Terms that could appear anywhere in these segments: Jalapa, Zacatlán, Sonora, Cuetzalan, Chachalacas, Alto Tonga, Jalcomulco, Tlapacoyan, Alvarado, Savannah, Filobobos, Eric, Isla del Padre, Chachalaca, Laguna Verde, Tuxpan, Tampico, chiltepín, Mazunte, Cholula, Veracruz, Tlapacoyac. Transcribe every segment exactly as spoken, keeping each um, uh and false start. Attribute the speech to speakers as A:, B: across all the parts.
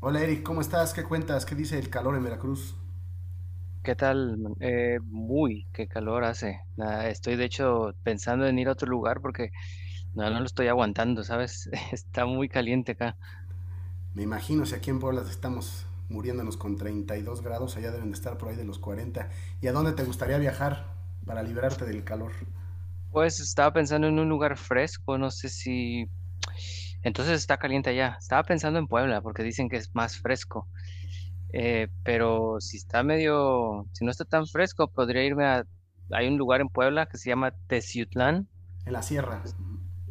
A: Hola Eric, ¿cómo estás? ¿Qué cuentas? ¿Qué dice el calor en Veracruz?
B: ¿Qué tal, man? Eh, muy, qué calor hace. Nada, estoy de hecho pensando en ir a otro lugar porque no, no lo estoy aguantando, ¿sabes? Está muy caliente acá.
A: Me imagino si aquí en Puebla estamos muriéndonos con treinta y dos grados, allá deben de estar por ahí de los cuarenta. ¿Y a dónde te gustaría viajar para liberarte del calor?
B: Pues estaba pensando en un lugar fresco, no sé si... Entonces está caliente allá. Estaba pensando en Puebla porque dicen que es más fresco. Eh, pero si está medio, si no está tan fresco, podría irme a... Hay un lugar en Puebla que se llama Teciutlán.
A: En la sierra.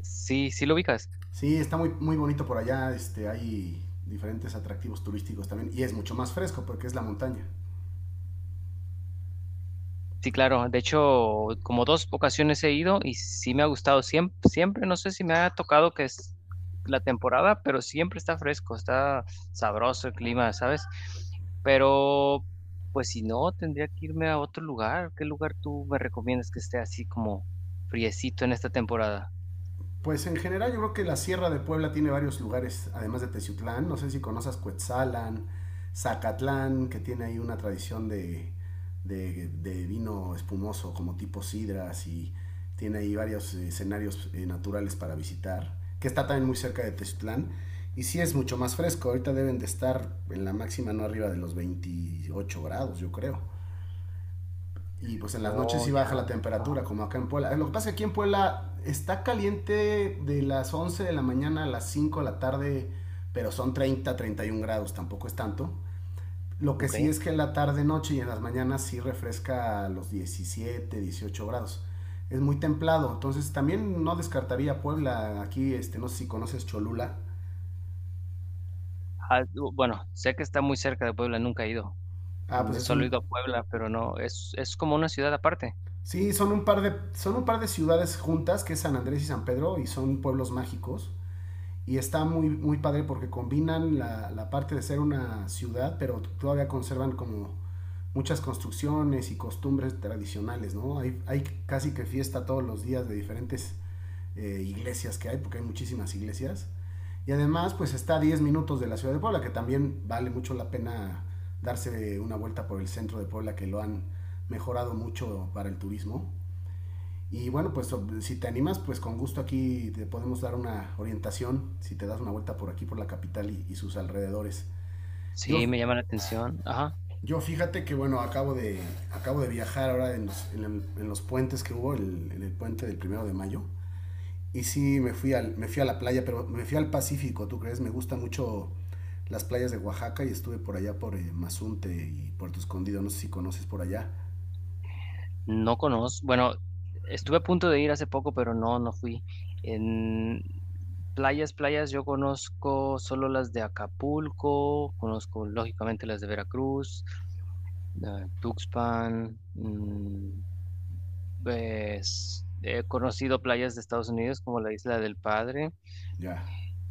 B: Sí, sí lo ubicas.
A: Sí, está muy, muy bonito por allá, este, hay diferentes atractivos turísticos también y es mucho más fresco porque es la montaña.
B: Sí, claro. De hecho, como dos ocasiones he ido y sí me ha gustado siempre, siempre. No sé si me ha tocado que es la temporada, pero siempre está fresco, está sabroso el clima, ¿sabes? Pero, pues si no, tendría que irme a otro lugar. ¿Qué lugar tú me recomiendas que esté así como friecito en esta temporada?
A: Pues en general yo creo que la Sierra de Puebla tiene varios lugares, además de Teciutlán, no sé si conoces Cuetzalan, Zacatlán, que tiene ahí una tradición de, de, de vino espumoso como tipo sidras y tiene ahí varios escenarios eh, naturales para visitar, que está también muy cerca de Teciutlán. Y sí es mucho más fresco, ahorita deben de estar en la máxima no arriba de los veintiocho grados, yo creo, y pues en las noches
B: Oh,
A: sí baja la
B: ya. Ajá,
A: temperatura, como acá en Puebla. Lo que pasa es que aquí en Puebla está caliente de las once de la mañana a las cinco de la tarde, pero son treinta treinta y uno grados, tampoco es tanto. Lo que
B: ok.
A: sí es que en la tarde, noche y en las mañanas sí refresca a los diecisiete dieciocho grados. Es muy templado, entonces también no descartaría Puebla. Aquí, este, no sé si conoces Cholula.
B: Ah, bu- bueno, sé que está muy cerca de Puebla, nunca he ido.
A: Ah,
B: Mm,
A: pues es
B: Solo he
A: un...
B: ido a Puebla, pero no, es, es como una ciudad aparte.
A: Sí, son un par de, son un par de ciudades juntas, que es San Andrés y San Pedro, y son pueblos mágicos. Y está muy, muy padre porque combinan la, la parte de ser una ciudad, pero todavía conservan como muchas construcciones y costumbres tradicionales, ¿no? Hay, hay casi que fiesta todos los días de diferentes eh, iglesias que hay, porque hay muchísimas iglesias. Y además, pues está a diez minutos de la ciudad de Puebla, que también vale mucho la pena darse una vuelta por el centro de Puebla, que lo han mejorado mucho para el turismo. Y bueno, pues so, si te animas, pues con gusto aquí te podemos dar una orientación si te das una vuelta por aquí, por la capital y, y sus alrededores.
B: Sí, me
A: Yo,
B: llama la atención. Ajá.
A: yo fíjate que bueno, acabo de, acabo de viajar ahora en los, en, en los puentes que hubo, el, en el puente del primero de mayo. Y sí, me fui, al, me fui a la playa, pero me fui al Pacífico, ¿tú crees? Me gustan mucho las playas de Oaxaca y estuve por allá por eh, Mazunte y Puerto Escondido, no sé si conoces por allá.
B: No conozco, bueno, estuve a punto de ir hace poco, pero no, no fui. En playas, playas, yo conozco solo las de Acapulco, conozco lógicamente las de Veracruz, eh, Tuxpan, mm, pues, he conocido playas de Estados Unidos como la Isla del Padre,
A: Ya.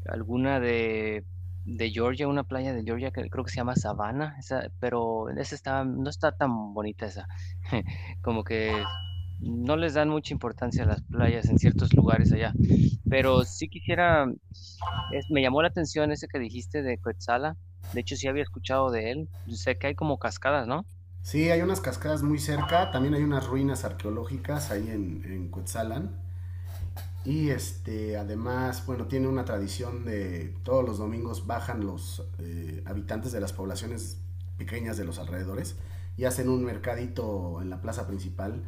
B: alguna de, de Georgia, una playa de Georgia que creo que se llama Savannah, esa, pero esa está, no está tan bonita esa. Como que no les dan mucha importancia a las playas en ciertos lugares allá. Pero sí quisiera, es- me llamó la atención ese que dijiste de Coetzala. De hecho, sí había escuchado de él. Yo sé que hay como cascadas, ¿no?
A: Sí, hay unas cascadas muy cerca, también hay unas ruinas arqueológicas ahí en, en Cuetzalan. Y este, además, bueno, tiene una tradición de todos los domingos bajan los eh, habitantes de las poblaciones pequeñas de los alrededores y hacen un mercadito en la plaza principal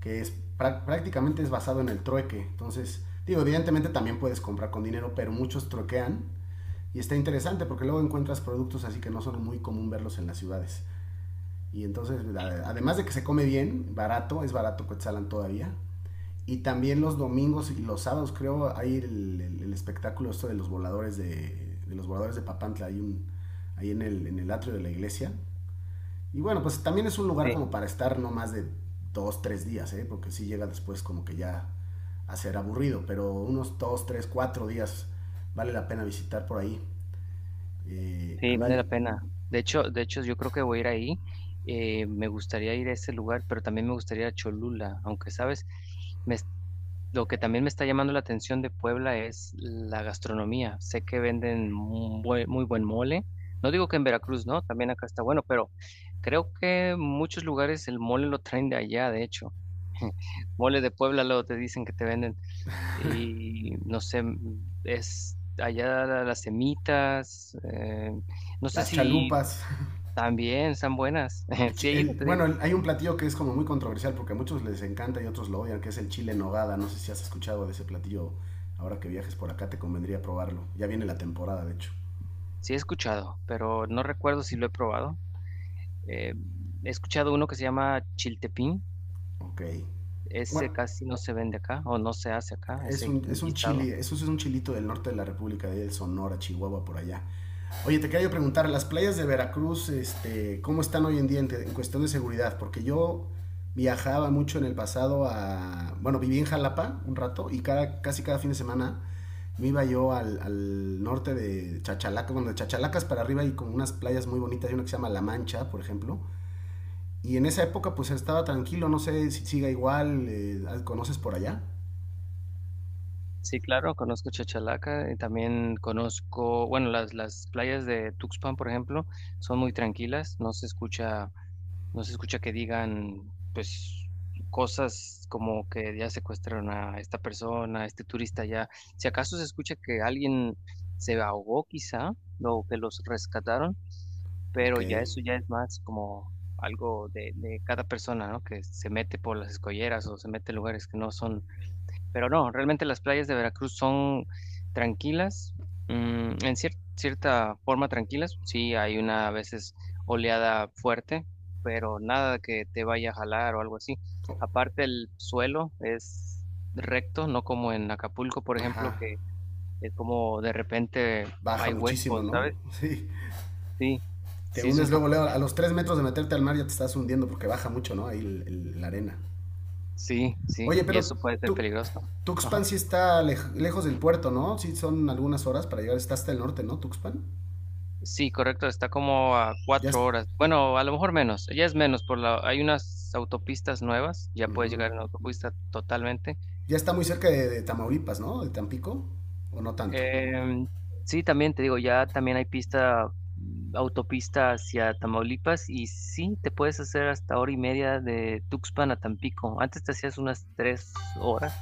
A: que es prácticamente es basado en el trueque. Entonces, digo, evidentemente también puedes comprar con dinero, pero muchos truequean y está interesante porque luego encuentras productos así que no son muy común verlos en las ciudades. Y entonces, además de que se come bien, barato, es barato Cuetzalan todavía. Y también los domingos y los sábados, creo, hay el, el, el espectáculo esto de los voladores de, de los voladores de Papantla. Hay un, ahí en el, en el atrio de la iglesia. Y bueno, pues también es un lugar
B: Sí,
A: como para estar no más de dos, tres días, ¿eh? Porque si sí llega después como que ya a ser aburrido, pero unos dos, tres, cuatro días vale la pena visitar por ahí. Eh, a
B: sí, vale la
A: mí,
B: pena. De hecho, de hecho, yo creo que voy a ir ahí. Eh, me gustaría ir a ese lugar, pero también me gustaría ir a Cholula, aunque, ¿sabes? Me Lo que también me está llamando la atención de Puebla es la gastronomía. Sé que venden mu- bue- muy buen mole. No digo que en Veracruz, ¿no? También acá está bueno, pero creo que muchos lugares el mole lo traen de allá, de hecho. Mole de Puebla luego te dicen que te venden. Y no sé, mm, es allá la- las semitas. Eh, no sé
A: las
B: si
A: chalupas.
B: también están buenas. Sí he ido,
A: El,
B: te digo.
A: bueno, hay un platillo que es como muy controversial porque a muchos les encanta y otros lo odian, que es el chile en nogada. No sé si has escuchado de ese platillo. Ahora que viajes por acá te convendría probarlo. Ya viene la temporada, de hecho.
B: Sí he escuchado, pero no recuerdo si lo he probado. Eh, He escuchado uno que se llama chiltepín.
A: Ok. Bueno,
B: Ese casi no se vende acá o no se hace acá,
A: Es
B: ese
A: un, es un
B: guisado.
A: chile, eso sí es un chilito del norte de la República, de Sonora, Chihuahua, por allá. Oye, te quería yo preguntar, las playas de Veracruz, este, ¿cómo están hoy en día en, en cuestión de seguridad? Porque yo viajaba mucho en el pasado a, bueno, viví en Jalapa un rato y cada, casi cada fin de semana me iba yo al, al norte de Chachalacas, bueno, de Chachalacas para arriba y con unas playas muy bonitas, hay una que se llama La Mancha, por ejemplo. Y en esa época pues estaba tranquilo, no sé si siga igual, eh, ¿conoces por allá?
B: Sí, claro, conozco Chachalaca y también conozco, bueno, las, las playas de Tuxpan, por ejemplo, son muy tranquilas, no se escucha, no se escucha que digan, pues, cosas como que ya secuestraron a esta persona, a este turista ya. Si acaso se escucha que alguien se ahogó quizá, o que los rescataron,
A: Ok.
B: pero ya eso ya es más como algo de, de cada persona, ¿no? Que se mete por las escolleras o se mete en lugares que no son, pero no, realmente las playas de Veracruz son tranquilas, mm, en cier- cierta forma tranquilas, sí hay una a veces oleada fuerte, pero nada que te vaya a jalar o algo así. Aparte el suelo es recto, no como en Acapulco, por
A: Ajá.
B: ejemplo, que es como de repente
A: Baja
B: hay
A: muchísimo,
B: huecos,
A: ¿no?
B: ¿sabes?
A: Sí.
B: Sí,
A: Te
B: sí es
A: hundes
B: un.
A: luego, luego. A los tres metros de meterte al mar ya te estás hundiendo porque baja mucho, ¿no? Ahí el- el- la arena.
B: Sí, sí,
A: Oye,
B: y
A: pero
B: eso puede ser
A: tú,
B: peligroso. Ajá.
A: Tuxpan sí está lej- lejos del puerto, ¿no? Sí son algunas horas para llegar. Está hasta el norte, ¿no? Tuxpan.
B: Sí, correcto, está como a
A: Ya, es-
B: cuatro horas. Bueno, a lo mejor menos, ya es menos, por la, hay unas autopistas nuevas, ya
A: ujú.
B: puedes llegar en autopista totalmente.
A: Ya está muy cerca de, de Tamaulipas, ¿no? De Tampico. O no tanto.
B: Em, sí, también te digo, ya también hay pista, mm, autopista hacia Tamaulipas y sí, te puedes hacer hasta hora y media de Tuxpan a Tampico. Antes te hacías unas tres horas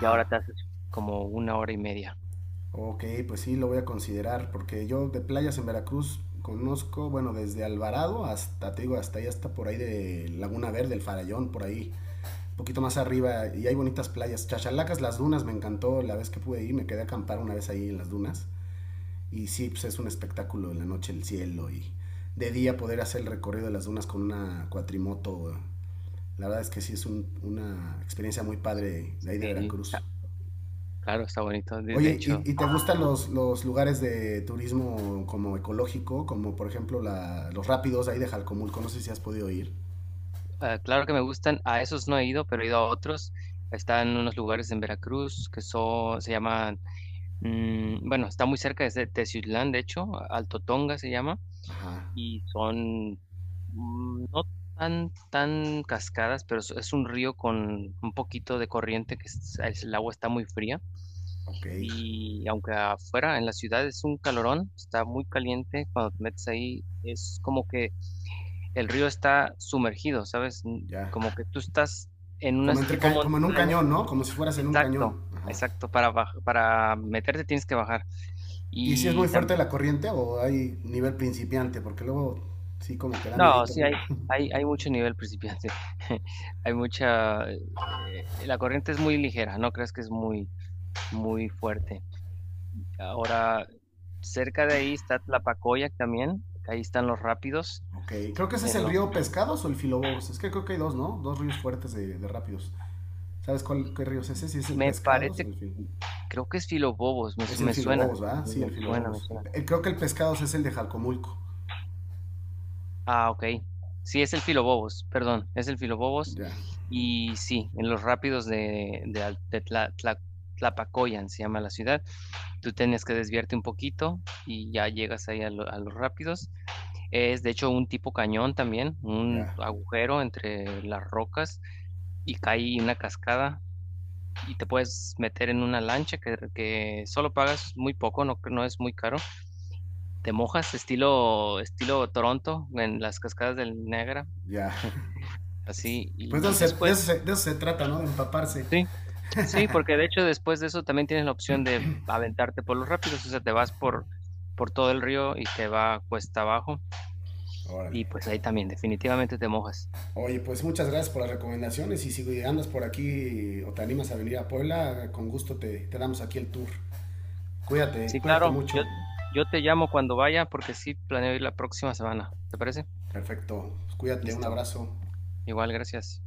B: y ahora te haces como una hora y media.
A: Ok, pues sí, lo voy a considerar, porque yo de playas en Veracruz conozco, bueno, desde Alvarado hasta, te digo, hasta ahí, hasta por ahí de Laguna Verde, el Farallón, por ahí, un poquito más arriba, y hay bonitas playas. Chachalacas, las dunas, me encantó la vez que pude ir, me quedé a acampar una vez ahí en las dunas, y sí, pues es un espectáculo en la noche el cielo, y de día poder hacer el recorrido de las dunas con una cuatrimoto, la verdad es que sí es un- una experiencia muy padre de ahí de
B: Sí,
A: Veracruz.
B: está- claro, está bonito, de de
A: Oye,
B: hecho.
A: ¿y, y te gustan los, los, lugares de turismo como ecológico, como por ejemplo la, los rápidos ahí de Jalcomulco? No sé si has podido ir.
B: Ah, claro que me gustan, a esos no he ido, pero he ido a otros. Están unos lugares en Veracruz que son, se llaman, mm, bueno, está muy cerca de Teciutlán, de hecho, Alto Tonga se llama,
A: Ajá,
B: y son mm, no tan, tan cascadas, pero es, es un río con un poquito de corriente, que es- es- el agua está muy fría,
A: ok,
B: y aunque afuera en la ciudad es un calorón, está muy caliente, cuando te metes ahí es como que el río está sumergido, ¿sabes? N-
A: ya.
B: Como que tú estás en un
A: Como, entre,
B: tipo
A: ca- como en un
B: montaña.
A: cañón, ¿no? Como si fueras en un cañón.
B: Exacto,
A: Ajá.
B: exacto. Para, baj- para meterte tienes que bajar.
A: ¿Y si es
B: Y
A: muy
B: tam-
A: fuerte la corriente o hay nivel principiante? Porque luego sí como que da
B: no,
A: miedito,
B: sí, hay,
A: ¿no?
B: hay, hay mucho nivel principiante. Hay mucha... eh, La corriente es muy ligera, no creas que es muy, muy fuerte. Ahora, cerca de ahí está Tlapacoyac también, ahí están los rápidos.
A: Ok, creo que ese es
B: En
A: el
B: los,
A: río Pescados o el Filobobos. Es que creo que hay dos, ¿no? Dos ríos fuertes de, de rápidos. ¿Sabes cuál, qué río es ese? Si es el
B: me
A: Pescados o
B: parece,
A: el Filobobos.
B: creo que es Filobobos, me,
A: Es
B: su-
A: el
B: me suena,
A: Filobobos, ¿verdad? Sí, el
B: me suena, me
A: Filobobos.
B: suena.
A: El- el, creo que el pescado es el de Jalcomulco.
B: Ah, ok. Sí, es el Filobobos, perdón, es el Filobobos.
A: Ya,
B: Y sí, en los rápidos de, de, Al- de Tla- Tla- Tlapacoyan se llama la ciudad. Tú tienes que desviarte un poquito y ya llegas ahí a, lo- a los rápidos. Es de hecho un tipo cañón también, un
A: ya,
B: agujero entre las rocas y cae una cascada y te puedes meter en una lancha que, que solo pagas muy poco, no, no es muy caro. Te mojas estilo, estilo Toronto en las cascadas del Niágara
A: ya.
B: así, y,
A: Pues de
B: y
A: eso, se, de
B: después,
A: eso se- de eso se trata, ¿no? De empaparse.
B: sí, sí, porque de hecho después de eso también tienes la opción de aventarte por los rápidos, o sea, te vas por, por todo el río y te va cuesta abajo,
A: Órale.
B: y pues ahí también definitivamente te mojas.
A: Oye, pues muchas gracias por las recomendaciones y si andas por aquí o te animas a venir a Puebla, con gusto te, te damos aquí el tour. Cuídate,
B: Sí,
A: cuídate
B: claro,
A: mucho.
B: yo, yo te llamo cuando vaya porque sí planeo ir la próxima semana, ¿te parece?
A: Perfecto. Pues cuídate, un
B: Listo,
A: abrazo.
B: igual, gracias.